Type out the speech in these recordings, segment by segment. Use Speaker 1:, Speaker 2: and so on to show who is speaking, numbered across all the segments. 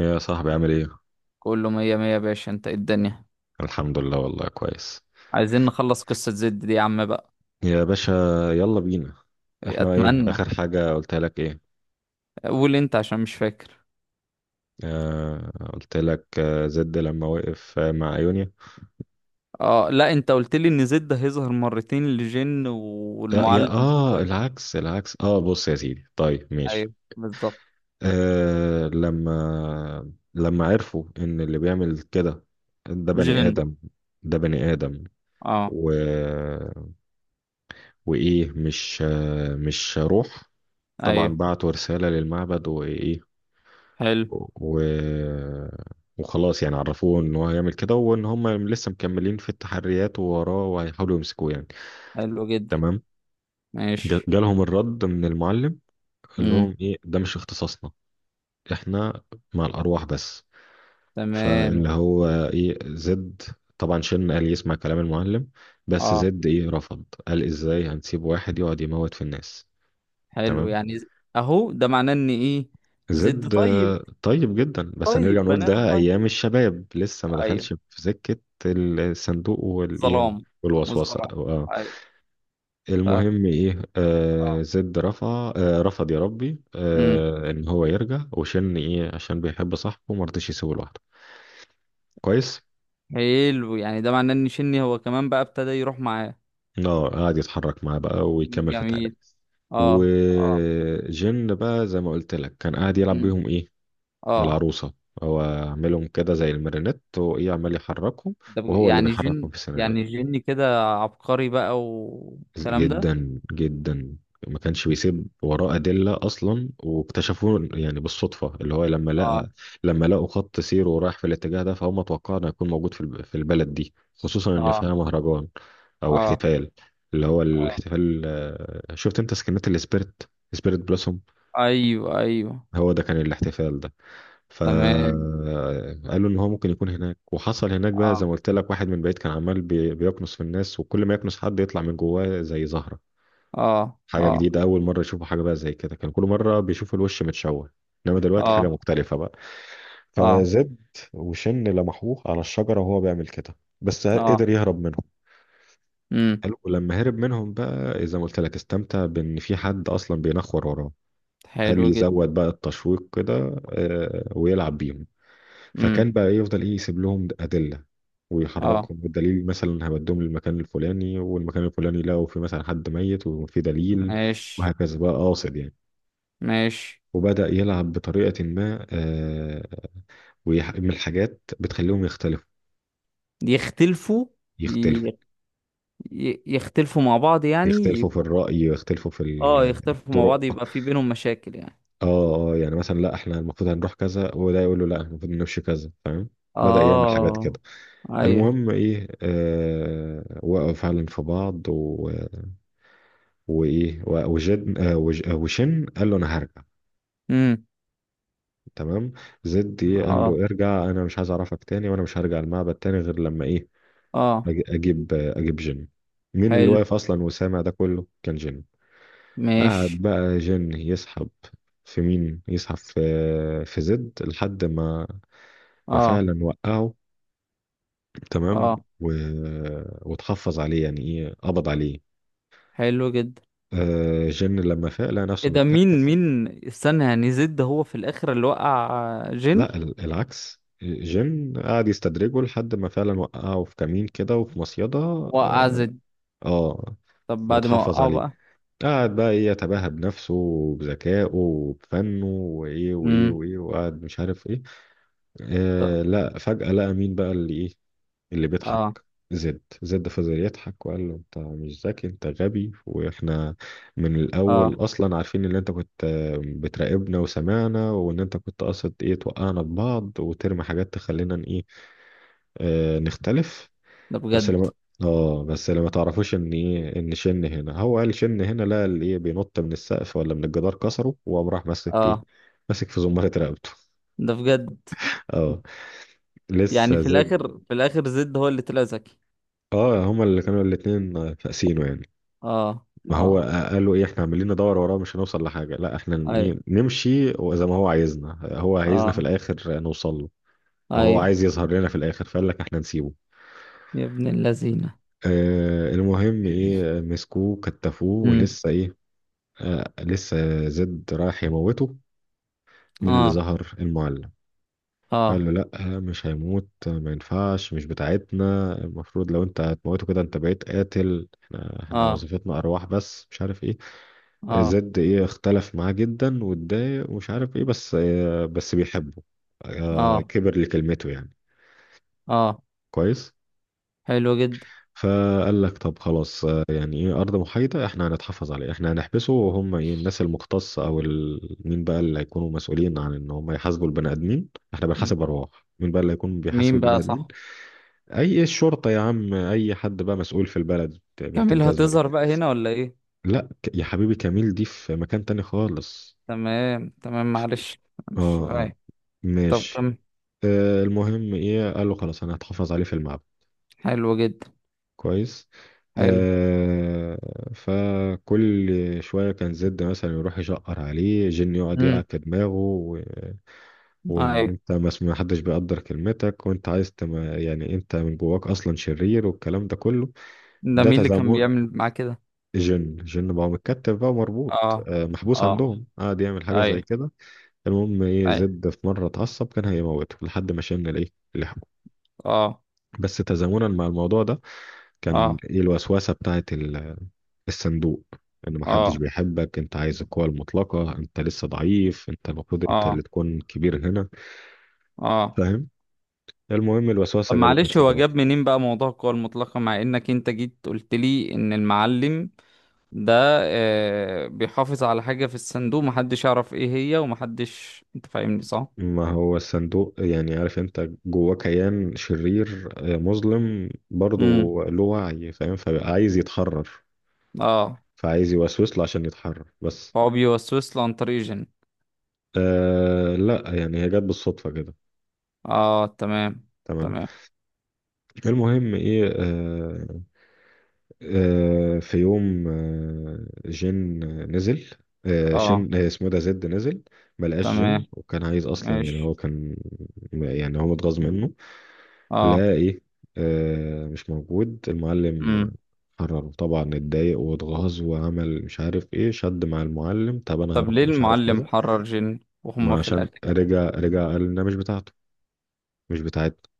Speaker 1: يا صاحبي عامل ايه؟
Speaker 2: كله مية مية يا باشا، انت ايه الدنيا؟
Speaker 1: الحمد لله والله كويس.
Speaker 2: عايزين نخلص قصة زد دي يا عم بقى.
Speaker 1: يا باشا يلا بينا. احنا ايه
Speaker 2: اتمنى.
Speaker 1: اخر حاجة قلت لك ايه؟
Speaker 2: قول انت عشان مش فاكر.
Speaker 1: قلت لك زد لما وقف مع ايونيا.
Speaker 2: اه لا، انت قلت لي ان زد هيظهر مرتين لجن
Speaker 1: لا يا
Speaker 2: والمعلم.
Speaker 1: العكس العكس، بص يا سيدي، طيب ماشي.
Speaker 2: ايوه بالظبط.
Speaker 1: لما عرفوا ان اللي بيعمل كده ده بني
Speaker 2: جن.
Speaker 1: ادم، ده بني ادم
Speaker 2: اه.
Speaker 1: و... وايه، مش روح. طبعا
Speaker 2: ايوه.
Speaker 1: بعتوا رسالة للمعبد وايه،
Speaker 2: حلو.
Speaker 1: و... وخلاص يعني عرفوه ان هو هيعمل كده وان هم لسه مكملين في التحريات ووراه وهيحاولوا يمسكوه يعني.
Speaker 2: حلو جدا.
Speaker 1: تمام.
Speaker 2: ماشي.
Speaker 1: جالهم الرد من المعلم، قال
Speaker 2: امم
Speaker 1: لهم ايه ده مش اختصاصنا، احنا مع الارواح بس.
Speaker 2: تمام.
Speaker 1: فاللي هو ايه زد، طبعا شن قال يسمع كلام المعلم، بس
Speaker 2: اه.
Speaker 1: زد ايه رفض، قال ازاي هنسيب واحد يقعد يموت في الناس.
Speaker 2: حلو
Speaker 1: تمام.
Speaker 2: يعني اهو ده معناه ان ايه؟ زد
Speaker 1: زد
Speaker 2: طيب؟
Speaker 1: طيب جدا، بس هنرجع
Speaker 2: طيب
Speaker 1: نقول
Speaker 2: بني ادم
Speaker 1: ده
Speaker 2: طيب.
Speaker 1: ايام الشباب لسه ما
Speaker 2: ايوه.
Speaker 1: دخلش في سكة الصندوق والايه
Speaker 2: ظلام.
Speaker 1: والوسوسة
Speaker 2: والظلام. ايوه. ف...
Speaker 1: المهم ايه،
Speaker 2: اه.
Speaker 1: زد رفع آه رفض، يا ربي، ان هو يرجع وشن ايه عشان بيحب صاحبه ما رضيش يسيبه لوحده. كويس.
Speaker 2: حلو يعني ده معناه ان شني هو كمان بقى ابتدى يروح معاه.
Speaker 1: اه، قعد يتحرك معاه بقى ويكمل في
Speaker 2: جميل.
Speaker 1: التعريف.
Speaker 2: اه. اه.
Speaker 1: وجن بقى زي ما قلت لك كان قاعد يلعب
Speaker 2: امم
Speaker 1: بيهم ايه،
Speaker 2: اه.
Speaker 1: العروسة، هو عاملهم كده زي المارينيت وايه عمال يحركهم،
Speaker 2: ده
Speaker 1: وهو اللي
Speaker 2: يعني
Speaker 1: بيحركهم
Speaker 2: جن
Speaker 1: في السيناريو،
Speaker 2: يعني جني كده عبقري بقى والكلام ده.
Speaker 1: جدا جدا. ما كانش بيسيب وراه أدلة أصلا، واكتشفوه يعني بالصدفة، اللي هو لما
Speaker 2: اه.
Speaker 1: لقى، لما لقوا خط سيره رايح في الاتجاه ده، فهم توقعوا إنه هيكون موجود في في البلد دي، خصوصا إن
Speaker 2: اه.
Speaker 1: فيها مهرجان أو
Speaker 2: اه.
Speaker 1: احتفال، اللي هو
Speaker 2: اه.
Speaker 1: الاحتفال شفت أنت سكنات السبيرت، سبيرت بلوسوم،
Speaker 2: ايوه ايوه.
Speaker 1: هو ده كان الاحتفال ده.
Speaker 2: تمام.
Speaker 1: فقالوا إن هو ممكن يكون هناك، وحصل هناك بقى زي
Speaker 2: اه.
Speaker 1: ما قلت لك، واحد من بعيد كان عمال بيكنس في الناس، وكل ما يكنس حد يطلع من جواه زي زهرة.
Speaker 2: اه.
Speaker 1: حاجة
Speaker 2: اه.
Speaker 1: جديدة، أول مرة يشوفوا حاجة بقى زي كده، كان كل مرة بيشوفوا الوش متشوه، إنما دلوقتي حاجة
Speaker 2: اه.
Speaker 1: مختلفة بقى.
Speaker 2: اه.
Speaker 1: فزد وشن لمحوه على الشجرة وهو بيعمل كده، بس قدر
Speaker 2: اه.
Speaker 1: يهرب منهم.
Speaker 2: امم.
Speaker 1: حلو. ولما هرب منهم بقى زي ما قلت لك استمتع بإن في حد أصلا بينخور وراه.
Speaker 2: حلو
Speaker 1: قال
Speaker 2: جدا.
Speaker 1: يزود بقى التشويق كده ويلعب بيهم. فكان
Speaker 2: امم.
Speaker 1: بقى يفضل إيه يسيب لهم أدلة
Speaker 2: اه.
Speaker 1: ويحركهم بالدليل، مثلا هودهم للمكان الفلاني والمكان الفلاني لقوا في مثلا حد ميت وفي دليل،
Speaker 2: ماشي.
Speaker 1: وهكذا بقى، قاصد يعني.
Speaker 2: ماشي.
Speaker 1: وبدأ يلعب بطريقة ما، من الحاجات بتخليهم يختلفوا،
Speaker 2: يختلفوا.
Speaker 1: يختلفوا.
Speaker 2: ي- يختلفوا مع بعض يعني.
Speaker 1: يختلفوا في الرأي، يختلفوا في
Speaker 2: اه يختلفوا مع بعض
Speaker 1: الطرق.
Speaker 2: يبقى في بينهم مشاكل يعني.
Speaker 1: اه اه، يعني مثلا لا احنا المفروض هنروح كذا، وده يقول له لا احنا المفروض نمشي كذا، فاهم؟ بدأ يعمل حاجات
Speaker 2: اه.
Speaker 1: كده.
Speaker 2: ايوه.
Speaker 1: المهم ايه، وقعوا فعلا في بعض وايه و- وجد آه وج... آه، وشن قال له انا هرجع.
Speaker 2: امم.
Speaker 1: تمام. زد إيه؟ قال
Speaker 2: اه.
Speaker 1: له ارجع انا مش عايز اعرفك تاني، وانا مش هرجع المعبد تاني غير لما ايه،
Speaker 2: اه.
Speaker 1: اجيب جيم. مين اللي
Speaker 2: حلو.
Speaker 1: واقف اصلا وسامع ده كله؟ كان جيم. قعد
Speaker 2: ماشي.
Speaker 1: بقى جن يسحب، في مين يسحب؟ في في زد، لحد ما ما
Speaker 2: اه.
Speaker 1: فعلا وقعه. تمام.
Speaker 2: اه.
Speaker 1: و... وتحفظ عليه يعني ايه، قبض عليه.
Speaker 2: حلو جدا.
Speaker 1: آه جن لما فاق لقى نفسه
Speaker 2: ايه ده؟ مين؟
Speaker 1: متكتف.
Speaker 2: مين استنى يعني زد ده هو في الاخر اللي وقع جن؟
Speaker 1: لا العكس، جن قعد يستدرجه لحد ما فعلا وقعه في كمين كده وفي مصيدة.
Speaker 2: وقع زد؟
Speaker 1: اه،
Speaker 2: طب بعد ما
Speaker 1: وتحفظ
Speaker 2: وقعه
Speaker 1: عليه.
Speaker 2: بقى.
Speaker 1: قعد بقى ايه يتباهى بنفسه وبذكائه وبفنه وايه وايه
Speaker 2: امم.
Speaker 1: وايه، وقعد مش عارف ايه،
Speaker 2: طب-
Speaker 1: لا فجأة لقى مين بقى اللي ايه، اللي بيضحك؟
Speaker 2: اه.
Speaker 1: زد. زد فضل يضحك وقال له انت مش ذكي، انت غبي، واحنا من
Speaker 2: اه.
Speaker 1: الاول اصلا عارفين ان انت كنت بتراقبنا وسمعنا، وان انت كنت قاصد ايه توقعنا ببعض وترمي حاجات تخلينا ن- ايه آه نختلف.
Speaker 2: ده
Speaker 1: بس
Speaker 2: بجد؟
Speaker 1: لما، اه بس لما تعرفوش ان ايه، ان شن هنا، هو قال شن هنا، لا اللي ايه بينط من السقف ولا من الجدار كسره، وقام راح ماسك ايه،
Speaker 2: اه.
Speaker 1: ماسك في زمارة رقبته.
Speaker 2: ده بجد؟
Speaker 1: اه،
Speaker 2: يعني
Speaker 1: لسه
Speaker 2: في
Speaker 1: زاد.
Speaker 2: الاخر، في الاخر زد هو اللي طلع ذكي.
Speaker 1: اه، هما اللي كانوا الاتنين فاسينه يعني.
Speaker 2: اه.
Speaker 1: ما هو
Speaker 2: اه.
Speaker 1: قالوا ايه احنا عمالين ندور وراه مش هنوصل لحاجة، لا احنا
Speaker 2: اي.
Speaker 1: نمشي زي ما هو عايزنا، هو عايزنا في
Speaker 2: اه.
Speaker 1: الاخر نوصل له، أو هو
Speaker 2: ايوه.
Speaker 1: عايز يظهر لنا في الاخر، فقال لك احنا نسيبه.
Speaker 2: يا ابن اللذينه.
Speaker 1: آه المهم ايه مسكوه كتفوه، ولسه ايه، لسه زد رايح يموته. مين اللي
Speaker 2: اه.
Speaker 1: ظهر؟ المعلم. قال
Speaker 2: اه.
Speaker 1: له لا مش هيموت، ما ينفعش، مش بتاعتنا، المفروض لو انت هتموته كده انت بقيت قاتل، احنا، احنا
Speaker 2: اه.
Speaker 1: وظيفتنا ارواح بس، مش عارف ايه.
Speaker 2: اه.
Speaker 1: زد ايه اختلف معاه جدا واتضايق ومش عارف ايه، بس بس بيحبه،
Speaker 2: اه.
Speaker 1: كبر لكلمته يعني.
Speaker 2: اه.
Speaker 1: كويس.
Speaker 2: حلو جدا.
Speaker 1: فقال لك طب خلاص يعني ايه ارض محايده، احنا هنتحفظ عليه، احنا هنحبسه، وهم ايه الناس المختصه او مين بقى اللي هيكونوا مسؤولين عن ان هم يحاسبوا البني ادمين. احنا
Speaker 2: م-
Speaker 1: بنحاسب ارواح، مين بقى اللي هيكون بيحاسب
Speaker 2: مين
Speaker 1: البني
Speaker 2: بقى
Speaker 1: ادمين؟
Speaker 2: صح.
Speaker 1: اي إيه، الشرطه يا عم، اي حد بقى مسؤول في البلد بنت
Speaker 2: كامل
Speaker 1: الجزمه دي.
Speaker 2: هتظهر بقى هنا ولا ايه؟
Speaker 1: لا يا حبيبي كميل دي في مكان تاني خالص.
Speaker 2: تمام تمام، معلش.
Speaker 1: اه
Speaker 2: مش اي. طب
Speaker 1: ماشي.
Speaker 2: كم.
Speaker 1: المهم ايه قال له خلاص انا هتحفظ عليه في المعبد.
Speaker 2: حلو جدا.
Speaker 1: كويس.
Speaker 2: حلو.
Speaker 1: آه. فكل شوية كان زد مثلا يروح يشقر عليه، جن يقعد يلعب
Speaker 2: امم.
Speaker 1: في دماغه وان
Speaker 2: ايوه.
Speaker 1: انت ما حدش بيقدر كلمتك، وانت عايز يعني انت من جواك اصلا شرير، والكلام ده كله.
Speaker 2: ده
Speaker 1: ده
Speaker 2: مين اللي كان
Speaker 1: تزامن.
Speaker 2: بيعمل معاه كده؟
Speaker 1: جن بقى متكتف بقى ومربوط،
Speaker 2: اه.
Speaker 1: محبوس
Speaker 2: اه.
Speaker 1: عندهم، قعد يعمل حاجة زي
Speaker 2: ايوه
Speaker 1: كده. المهم ايه،
Speaker 2: ايوه.
Speaker 1: زد في مرة اتعصب كان هيموته، لحد ما شن الايه، لحمه.
Speaker 2: اه.
Speaker 1: بس تزامنا مع الموضوع ده
Speaker 2: اه.
Speaker 1: كان ايه الوسوسة بتاعت الصندوق، ان محدش
Speaker 2: اه.
Speaker 1: بيحبك، انت عايز القوة المطلقة، انت لسه ضعيف، انت المفروض انت
Speaker 2: اه.
Speaker 1: اللي تكون كبير هنا،
Speaker 2: اه.
Speaker 1: فاهم؟ المهم
Speaker 2: طب
Speaker 1: الوسوسة جابت
Speaker 2: معلش،
Speaker 1: نتيجة
Speaker 2: هو
Speaker 1: برضه.
Speaker 2: جاب منين بقى موضوع القوى المطلقة مع انك انت جيت قلت لي ان المعلم ده آه، بيحافظ على حاجة في الصندوق محدش يعرف ايه هي ومحدش، انت فاهمني صح؟
Speaker 1: ما هو الصندوق يعني عارف انت جواه كيان شرير مظلم برضه،
Speaker 2: امم.
Speaker 1: له وعي فاهم، فبقى عايز يتحرر،
Speaker 2: اه.
Speaker 1: فعايز يوسوس له عشان يتحرر بس.
Speaker 2: هو بيوسوس له عن طريق جن؟
Speaker 1: لا يعني هي جت بالصدفة كده.
Speaker 2: اه تمام.
Speaker 1: تمام.
Speaker 2: تمام.
Speaker 1: المهم ايه في يوم جين نزل، آه،
Speaker 2: اه.
Speaker 1: شين آه، اسمه ده زد، نزل ما لقاش جين،
Speaker 2: تمام.
Speaker 1: وكان عايز اصلا يعني
Speaker 2: ماشي.
Speaker 1: هو كان، يعني هو متغاظ منه.
Speaker 2: اه.
Speaker 1: لا ايه مش موجود المعلم.
Speaker 2: امم.
Speaker 1: قرر طبعا، اتضايق واتغاظ وعمل مش عارف ايه، شد مع المعلم طب انا
Speaker 2: طب
Speaker 1: هروح
Speaker 2: ليه
Speaker 1: مش عارف
Speaker 2: المعلم
Speaker 1: كذا.
Speaker 2: حرر جن وهم
Speaker 1: ما
Speaker 2: في
Speaker 1: عشان
Speaker 2: الاخر يعني؟
Speaker 1: رجع، رجع قال انها مش بتاعته، مش بتاعتنا،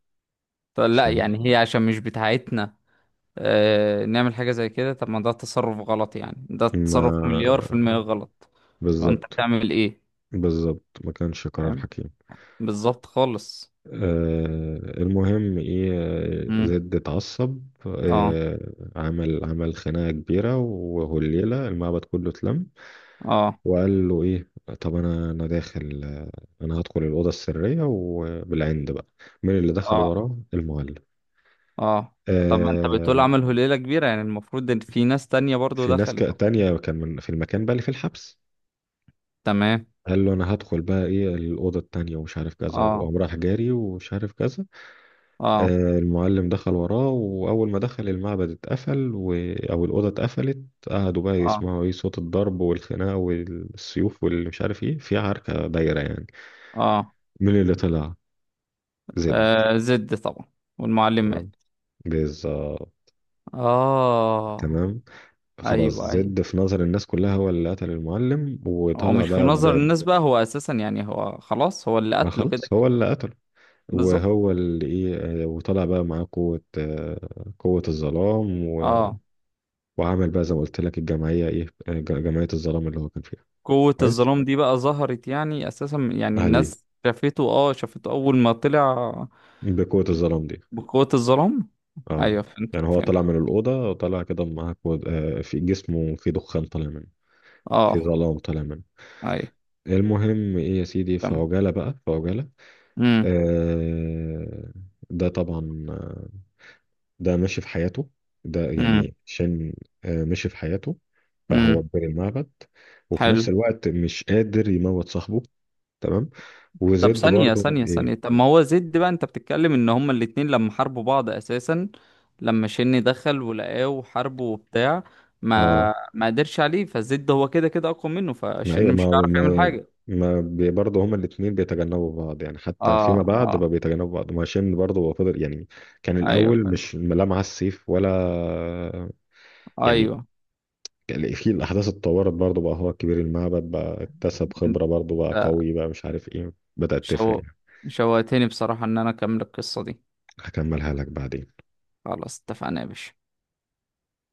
Speaker 2: طب لا
Speaker 1: فاهم؟
Speaker 2: يعني هي عشان مش بتاعتنا آه نعمل حاجة زي كده؟ طب ما ده تصرف غلط، يعني ده تصرف
Speaker 1: ما
Speaker 2: مليار في المية غلط. لو انت
Speaker 1: بالظبط،
Speaker 2: بتعمل ايه.
Speaker 1: بالظبط، ما كانش قرار
Speaker 2: فاهم.
Speaker 1: حكيم.
Speaker 2: بالظبط خالص.
Speaker 1: المهم ايه
Speaker 2: امم.
Speaker 1: زد اتعصب،
Speaker 2: اه.
Speaker 1: آه، عمل خناقة كبيرة، وهو الليلة المعبد كله اتلم.
Speaker 2: اه.
Speaker 1: وقال له ايه، طب انا داخل، انا هدخل الأوضة السرية وبالعند بقى. مين اللي دخل
Speaker 2: اه.
Speaker 1: وراه؟ المولد.
Speaker 2: اه. طب ما انت بتقول
Speaker 1: آه،
Speaker 2: عملوا ليلة كبيرة، يعني المفروض ان في ناس تانية برضو
Speaker 1: في ناس
Speaker 2: دخلت.
Speaker 1: تانية كان من في المكان بقى اللي في الحبس.
Speaker 2: تمام.
Speaker 1: قال له انا هدخل بقى ايه الأوضة التانية ومش عارف كذا،
Speaker 2: اه.
Speaker 1: وقام راح جاري ومش عارف كذا.
Speaker 2: اه.
Speaker 1: المعلم دخل وراه، وأول ما دخل المعبد اتقفل أو الأوضة اتقفلت. قعدوا بقى
Speaker 2: اه.
Speaker 1: يسمعوا إيه صوت الضرب والخناقة والسيوف واللي مش عارف إيه، في عركة دايرة يعني.
Speaker 2: اه.
Speaker 1: مين اللي طلع؟ زد.
Speaker 2: آه، زد طبعا. والمعلم
Speaker 1: تمام،
Speaker 2: مات.
Speaker 1: بالظبط.
Speaker 2: اه.
Speaker 1: تمام. خلاص
Speaker 2: ايوه ايوه.
Speaker 1: زد في نظر الناس كلها هو اللي قتل المعلم،
Speaker 2: هو
Speaker 1: وطلع
Speaker 2: مش في
Speaker 1: بقى
Speaker 2: نظر الناس بقى، هو اساسا يعني هو خلاص هو اللي
Speaker 1: ما
Speaker 2: قتله كده
Speaker 1: خلاص
Speaker 2: كده.
Speaker 1: هو اللي قتله،
Speaker 2: بالظبط.
Speaker 1: وهو اللي ايه وطلع بقى معاه قوة قوة الظلام
Speaker 2: اه.
Speaker 1: وعمل بقى زي ما قلت لك الجمعية ايه جمعية الظلام اللي هو كان فيها.
Speaker 2: قوة
Speaker 1: كويس.
Speaker 2: الظلام دي بقى ظهرت يعني اساسا، يعني
Speaker 1: اهلي
Speaker 2: الناس شافته، اه شافته اول ما طلع
Speaker 1: بقوة الظلام دي.
Speaker 2: بقوة الظلام.
Speaker 1: اه
Speaker 2: ايوه فهمتك،
Speaker 1: يعني هو
Speaker 2: فهمت.
Speaker 1: طلع من الأوضة، طلع كده معاه كو... آه في جسمه، في دخان طالع منه، في
Speaker 2: اه.
Speaker 1: ظلام طالع منه.
Speaker 2: ايوه.
Speaker 1: المهم ايه يا سيدي، في
Speaker 2: تمام.
Speaker 1: عجالة بقى، في عجالة.
Speaker 2: امم
Speaker 1: آه ده طبعا ده ماشي في حياته، ده
Speaker 2: امم.
Speaker 1: يعني شن، آه ماشي في حياته. فهو
Speaker 2: امم.
Speaker 1: كبير المعبد، وفي
Speaker 2: حلو.
Speaker 1: نفس الوقت مش قادر يموت صاحبه. تمام.
Speaker 2: طب
Speaker 1: وزد
Speaker 2: ثانية
Speaker 1: برضو
Speaker 2: ثانية
Speaker 1: ايه،
Speaker 2: ثانية، طب ما هو زد بقى، انت بتتكلم ان هما الاتنين لما حاربوا بعض اساسا، لما شن دخل ولقاه وحاربه وبتاع،
Speaker 1: اه
Speaker 2: ما قدرش عليه، فزد هو كده كده اقوى منه،
Speaker 1: ايوه،
Speaker 2: فشن مش
Speaker 1: ما
Speaker 2: هيعرف يعمل
Speaker 1: ما
Speaker 2: حاجة.
Speaker 1: ما بي- برضه هما الاثنين بيتجنبوا بعض يعني، حتى
Speaker 2: اه.
Speaker 1: فيما بعد بقى
Speaker 2: اه.
Speaker 1: بيتجنبوا بعض. ما هشام برضه هو فضل يعني، كان
Speaker 2: ايوه
Speaker 1: الاول
Speaker 2: فهمت.
Speaker 1: مش لا معاه السيف ولا، يعني
Speaker 2: ايوه.
Speaker 1: كان في الاحداث، اتطورت برضه بقى هو كبير المعبد بقى، اكتسب
Speaker 2: انت.
Speaker 1: خبره برضه، بقى قوي، بقى مش عارف ايه، بدات تفرق
Speaker 2: شو.
Speaker 1: يعني.
Speaker 2: شوقتني بصراحة ان انا اكمل القصة دي.
Speaker 1: هكملها لك بعدين.
Speaker 2: خلاص اتفقنا يا باشا.